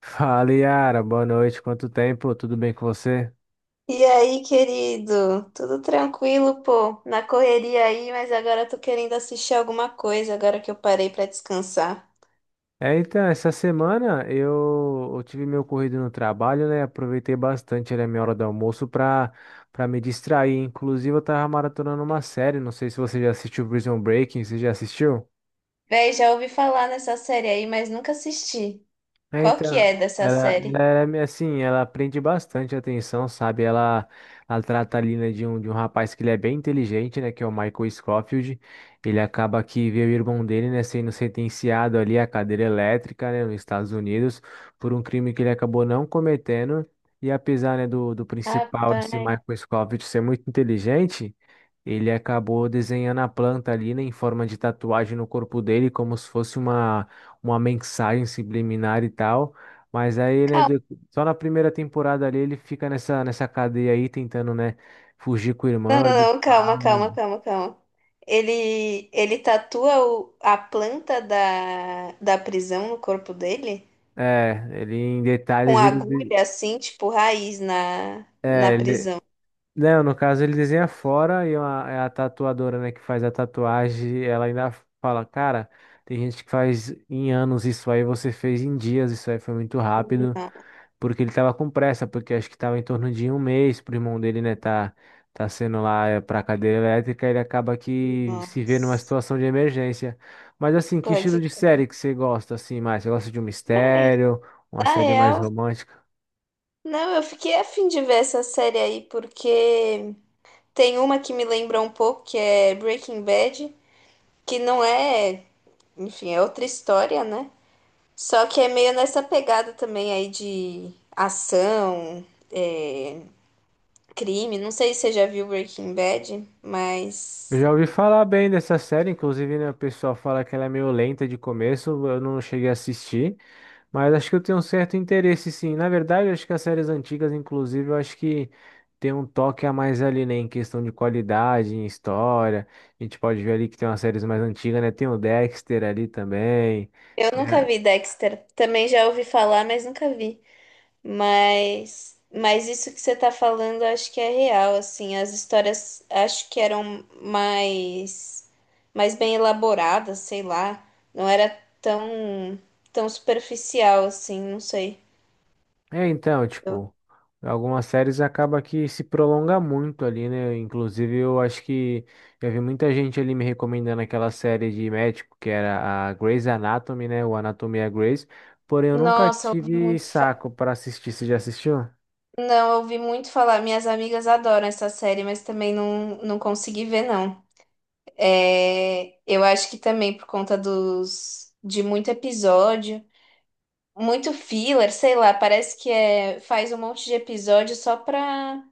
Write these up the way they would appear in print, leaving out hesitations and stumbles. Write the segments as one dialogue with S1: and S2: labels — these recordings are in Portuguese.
S1: Fala, Yara. Boa noite. Quanto tempo? Tudo bem com você?
S2: E aí, querido? Tudo tranquilo, pô? Na correria aí, mas agora eu tô querendo assistir alguma coisa agora que eu parei pra descansar.
S1: É, então, essa semana eu tive meu corrido no trabalho, né? Aproveitei bastante, né, minha hora do almoço pra me distrair. Inclusive, eu tava maratonando uma série. Não sei se você já assistiu Prison Breaking. Você já assistiu?
S2: Véi, já ouvi falar nessa série aí, mas nunca assisti.
S1: É,
S2: Qual que
S1: então,
S2: é dessa
S1: ela
S2: série?
S1: é meio assim, ela prende bastante atenção, sabe? Ela trata ali, né, de um rapaz que ele é bem inteligente, né, que é o Michael Scofield. Ele acaba que vê o irmão dele, né, sendo sentenciado ali à cadeira elétrica, né, nos Estados Unidos, por um crime que ele acabou não cometendo. E apesar, né, do principal, esse
S2: Rapaz.
S1: Michael Scofield, ser muito inteligente, ele acabou desenhando a planta ali, né, em forma de tatuagem no corpo dele, como se fosse uma mensagem subliminar e tal. Mas aí, né,
S2: Calma,
S1: só na primeira temporada ali ele fica nessa cadeia aí tentando, né, fugir com o
S2: não,
S1: irmão.
S2: não, não, calma, calma, calma, calma. Ele tatua a planta da prisão no corpo dele?
S1: É, ele em
S2: Com
S1: detalhes ele, de-
S2: agulha assim, tipo raiz na
S1: é,
S2: prisão.
S1: não, no caso ele desenha fora e a tatuadora, né, que faz a tatuagem, ela ainda fala, cara, tem gente que faz em anos isso aí, você fez em dias, isso aí foi muito
S2: Não,
S1: rápido. Porque ele tava com pressa, porque acho que tava em torno de um mês pro irmão dele, né, tá sendo lá pra cadeira elétrica, ele acaba que se vê numa
S2: nossa.
S1: situação de emergência. Mas assim, que estilo
S2: Pode.
S1: de série que você gosta, assim, mais? Você gosta de um mistério, uma
S2: Na
S1: série mais
S2: real,
S1: romântica?
S2: não, eu fiquei a fim de ver essa série aí, porque tem uma que me lembra um pouco, que é Breaking Bad, que não é, enfim, é outra história, né? Só que é meio nessa pegada também aí de ação, é, crime. Não sei se você já viu Breaking Bad,
S1: Eu
S2: mas
S1: já ouvi falar bem dessa série, inclusive, né, o pessoal fala que ela é meio lenta de começo, eu não cheguei a assistir. Mas acho que eu tenho um certo interesse, sim. Na verdade, acho que as séries antigas, inclusive, eu acho que tem um toque a mais ali, né? Em questão de qualidade, em história. A gente pode ver ali que tem umas séries mais antigas, né? Tem o Dexter ali também.
S2: eu nunca vi Dexter. Também já ouvi falar, mas nunca vi. Mas isso que você tá falando, eu acho que é real, assim, as histórias acho que eram mais mais bem elaboradas, sei lá, não era tão tão superficial assim, não sei.
S1: É, então,
S2: Eu-
S1: tipo, algumas séries acaba que se prolonga muito ali, né? Inclusive, eu acho que já vi muita gente ali me recomendando aquela série de médico que era a Grey's Anatomy, né? O Anatomia Grey's. Porém, eu nunca
S2: Nossa, eu ouvi
S1: tive
S2: muito fa-
S1: saco para assistir. Você já assistiu?
S2: Não, eu ouvi muito falar, minhas amigas adoram essa série, mas também não, não consegui ver, não. É, eu acho que também por conta dos de muito episódio muito filler, sei lá, parece que é, faz um monte de episódio só pra,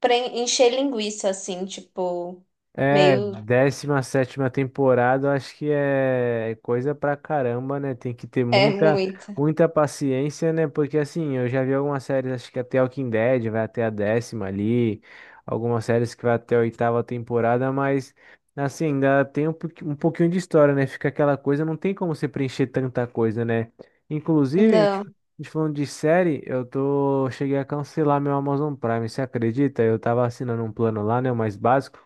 S2: pra en- encher linguiça, assim, tipo,
S1: É,
S2: meio,
S1: décima sétima temporada, eu acho que é coisa pra caramba, né? Tem que ter
S2: é
S1: muita,
S2: muita.
S1: muita paciência, né? Porque assim, eu já vi algumas séries, acho que até o Walking Dead vai até a décima ali, algumas séries que vai até a oitava temporada, mas assim, ainda tem um, um pouquinho de história, né? Fica aquela coisa, não tem como você preencher tanta coisa, né? Inclusive,
S2: Não,
S1: a gente falando de série, eu tô, cheguei a cancelar meu Amazon Prime, você acredita? Eu tava assinando um plano lá, né? O mais básico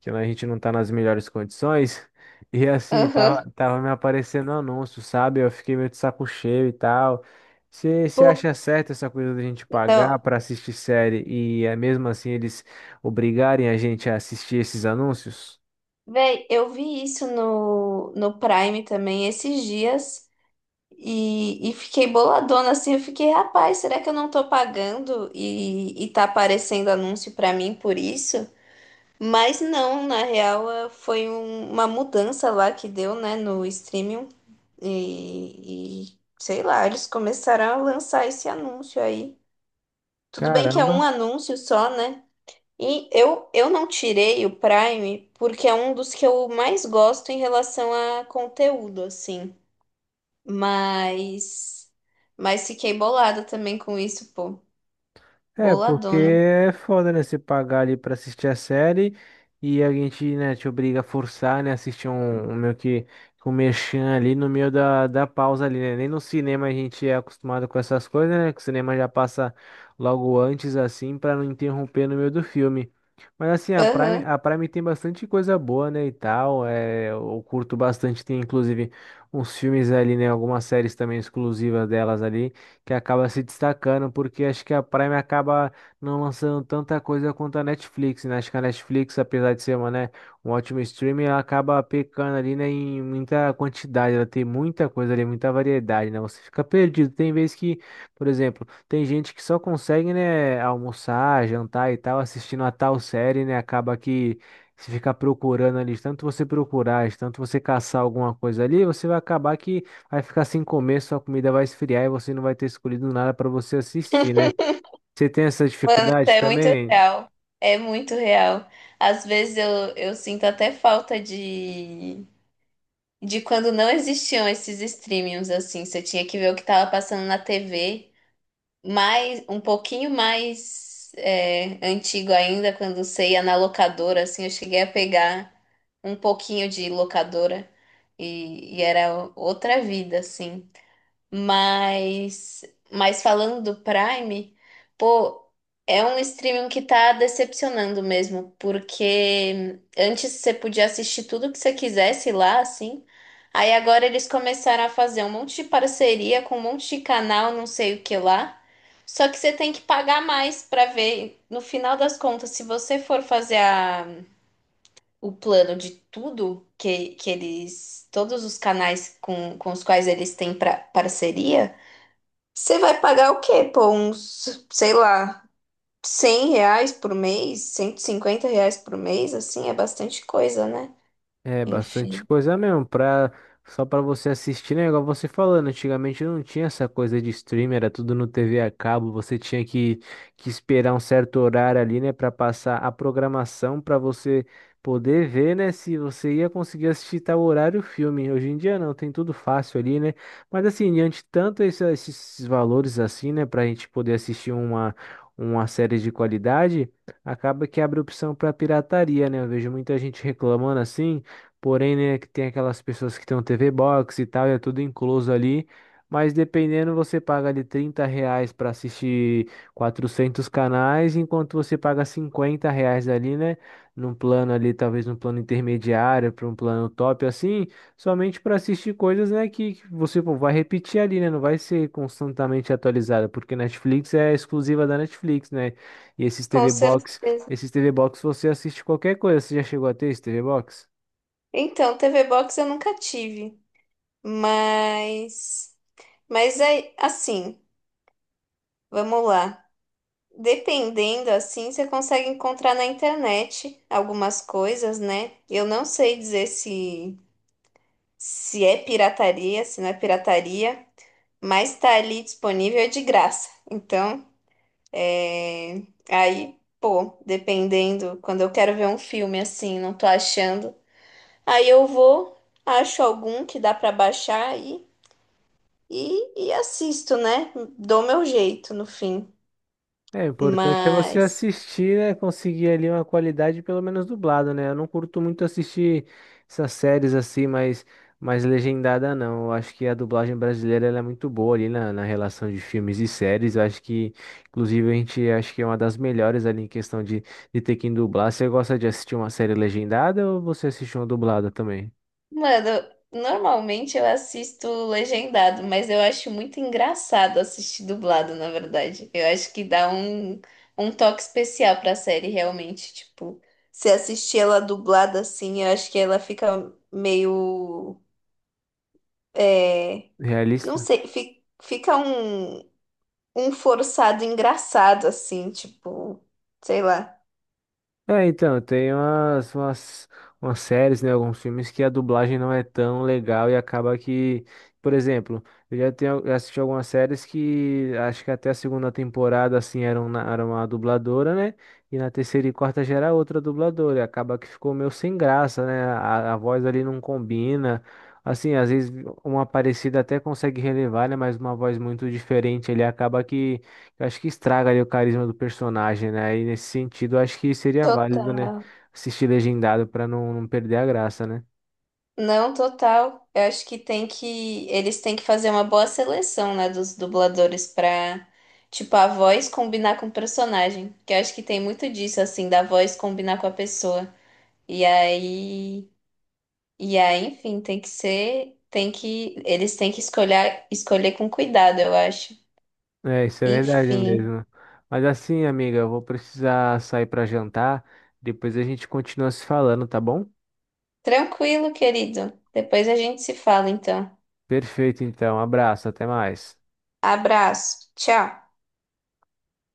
S1: que a gente não tá nas melhores condições. E assim,
S2: aham.
S1: tava me aparecendo anúncio, sabe? Eu fiquei meio de saco cheio e tal. Você
S2: Pô,
S1: acha certo essa coisa da gente pagar
S2: não,
S1: pra assistir série e é mesmo assim eles obrigarem a gente a assistir esses anúncios?
S2: véi, eu vi isso no, no Prime também esses dias e fiquei boladona, assim, eu fiquei, rapaz, será que eu não tô pagando e tá aparecendo anúncio pra mim por isso? Mas não, na real, foi uma mudança lá que deu, né, no streaming. E, sei lá, eles começaram a lançar esse anúncio aí. Tudo bem que é um
S1: Caramba!
S2: anúncio só, né? E eu não tirei o Prime porque é um dos que eu mais gosto em relação a conteúdo, assim. Mas, mas fiquei bolada também com isso, pô.
S1: É, porque
S2: Boladona.
S1: é foda, né? Você pagar ali pra assistir a série e a gente, né, te obriga a forçar, né? Assistir um meio que um merchan ali no meio da pausa ali, né? Nem no cinema a gente é acostumado com essas coisas, né? Que o cinema já passa logo antes, assim, pra não interromper no meio do filme. Mas assim,
S2: Aham.
S1: a Prime tem bastante coisa boa, né, e tal. É, eu curto bastante, tem inclusive uns filmes ali, né? Algumas séries também exclusivas delas ali que acaba se destacando, porque acho que a Prime acaba não lançando tanta coisa quanto a Netflix, né? Acho que a Netflix, apesar de ser uma, né, um ótimo streaming, ela acaba pecando ali, né, em muita quantidade, ela tem muita coisa ali, muita variedade, né? Você fica perdido. Tem vezes que, por exemplo, tem gente que só consegue, né, almoçar, jantar e tal, assistindo a tal série, né? Acaba que se ficar procurando ali, de tanto você procurar, de tanto você caçar alguma coisa ali, você vai acabar que vai ficar sem comer, sua comida vai esfriar e você não vai ter escolhido nada para você assistir, né? Você tem essa dificuldade
S2: É muito
S1: também?
S2: real. É muito real. Às vezes eu sinto até falta de quando não existiam esses streamings assim. Você tinha que ver o que estava passando na TV. Mais, um pouquinho mais é, antigo ainda, quando você ia na locadora, assim, eu cheguei a pegar um pouquinho de locadora e era outra vida, assim. Mas, mas falando do Prime, pô, é um streaming que tá decepcionando mesmo, porque antes você podia assistir tudo que você quisesse lá, assim. Aí agora eles começaram a fazer um monte de parceria com um monte de canal, não sei o que lá. Só que você tem que pagar mais pra ver. No final das contas, se você for fazer a, o plano de tudo que eles, todos os canais com os quais eles têm pra, parceria você vai pagar o quê? Pô, uns, sei lá, 100 reais por mês, 150 reais por mês, assim, é bastante coisa, né?
S1: É bastante
S2: Enfim,
S1: coisa mesmo, pra, só pra você assistir, né? Igual você falando, antigamente não tinha essa coisa de streamer, era tudo no TV a cabo, você tinha que esperar um certo horário ali, né, pra passar a programação pra você poder ver, né, se você ia conseguir assistir tal horário o filme. Hoje em dia não, tem tudo fácil ali, né? Mas assim, diante de tanto esses valores assim, né, pra gente poder assistir uma série de qualidade, acaba que abre opção pra pirataria, né? Eu vejo muita gente reclamando assim. Porém, né, que tem aquelas pessoas que tem um TV Box e tal, e é tudo incluso ali. Mas dependendo, você paga ali R$ 30 para assistir 400 canais, enquanto você paga R$ 50 ali, né? Num plano ali, talvez num plano intermediário, para um plano top assim, somente para assistir coisas, né, que você pô, vai repetir ali, né? Não vai ser constantemente atualizada, porque Netflix é exclusiva da Netflix, né? E esses
S2: com
S1: TV Box,
S2: certeza.
S1: esses TV Box você assiste qualquer coisa. Você já chegou a ter esse TV Box?
S2: Então, TV Box eu nunca tive, mas, mas é assim, vamos lá. Dependendo, assim, você consegue encontrar na internet algumas coisas, né? Eu não sei dizer se, se é pirataria, se não é pirataria, mas tá ali disponível é de graça. Então, é, aí, pô, dependendo, quando eu quero ver um filme assim, não tô achando. Aí eu vou, acho algum que dá pra baixar aí e assisto, né? Dou meu jeito no fim.
S1: É, o
S2: É.
S1: importante é você
S2: Mas.
S1: assistir, né? Conseguir ali uma qualidade, pelo menos dublado, né? Eu não curto muito assistir essas séries assim, mas mais legendada não. Eu acho que a dublagem brasileira ela é muito boa ali na, na relação de filmes e séries. Eu acho que, inclusive, a gente acho que é uma das melhores ali em questão de ter que dublar. Você gosta de assistir uma série legendada ou você assiste uma dublada também?
S2: Mano, normalmente eu assisto legendado, mas eu acho muito engraçado assistir dublado, na verdade. Eu acho que dá um, um toque especial pra série, realmente. Tipo, se assistir ela dublada assim, eu acho que ela fica meio. É, não
S1: Realista?
S2: sei, fica um, um forçado engraçado, assim, tipo, sei lá.
S1: É, então, tem umas, umas, umas séries, né, alguns filmes que a dublagem não é tão legal e acaba que, por exemplo, eu já tenho, já assisti algumas séries que acho que até a segunda temporada, assim, era uma dubladora, né, e na terceira e quarta já era outra dubladora, e acaba que ficou meio sem graça, né, a voz ali não combina, assim, às vezes uma parecida até consegue relevar, né, mas uma voz muito diferente, ele acaba que eu acho que estraga ali o carisma do personagem, né? E nesse sentido, eu acho que seria válido, né? Assistir legendado pra não, não perder a graça, né?
S2: Não, total. Eu acho que tem que. Eles têm que fazer uma boa seleção, né, dos dubladores pra, tipo, a voz combinar com o personagem. Que eu acho que tem muito disso, assim, da voz combinar com a pessoa. E aí. E aí, enfim, tem que ser. Tem que. Eles têm que escolher, escolher com cuidado, eu acho.
S1: É, isso é verdade
S2: Enfim.
S1: mesmo. Mas assim, amiga, eu vou precisar sair pra jantar. Depois a gente continua se falando, tá bom?
S2: Tranquilo, querido. Depois a gente se fala, então.
S1: Perfeito, então. Abraço, até mais.
S2: Abraço. Tchau.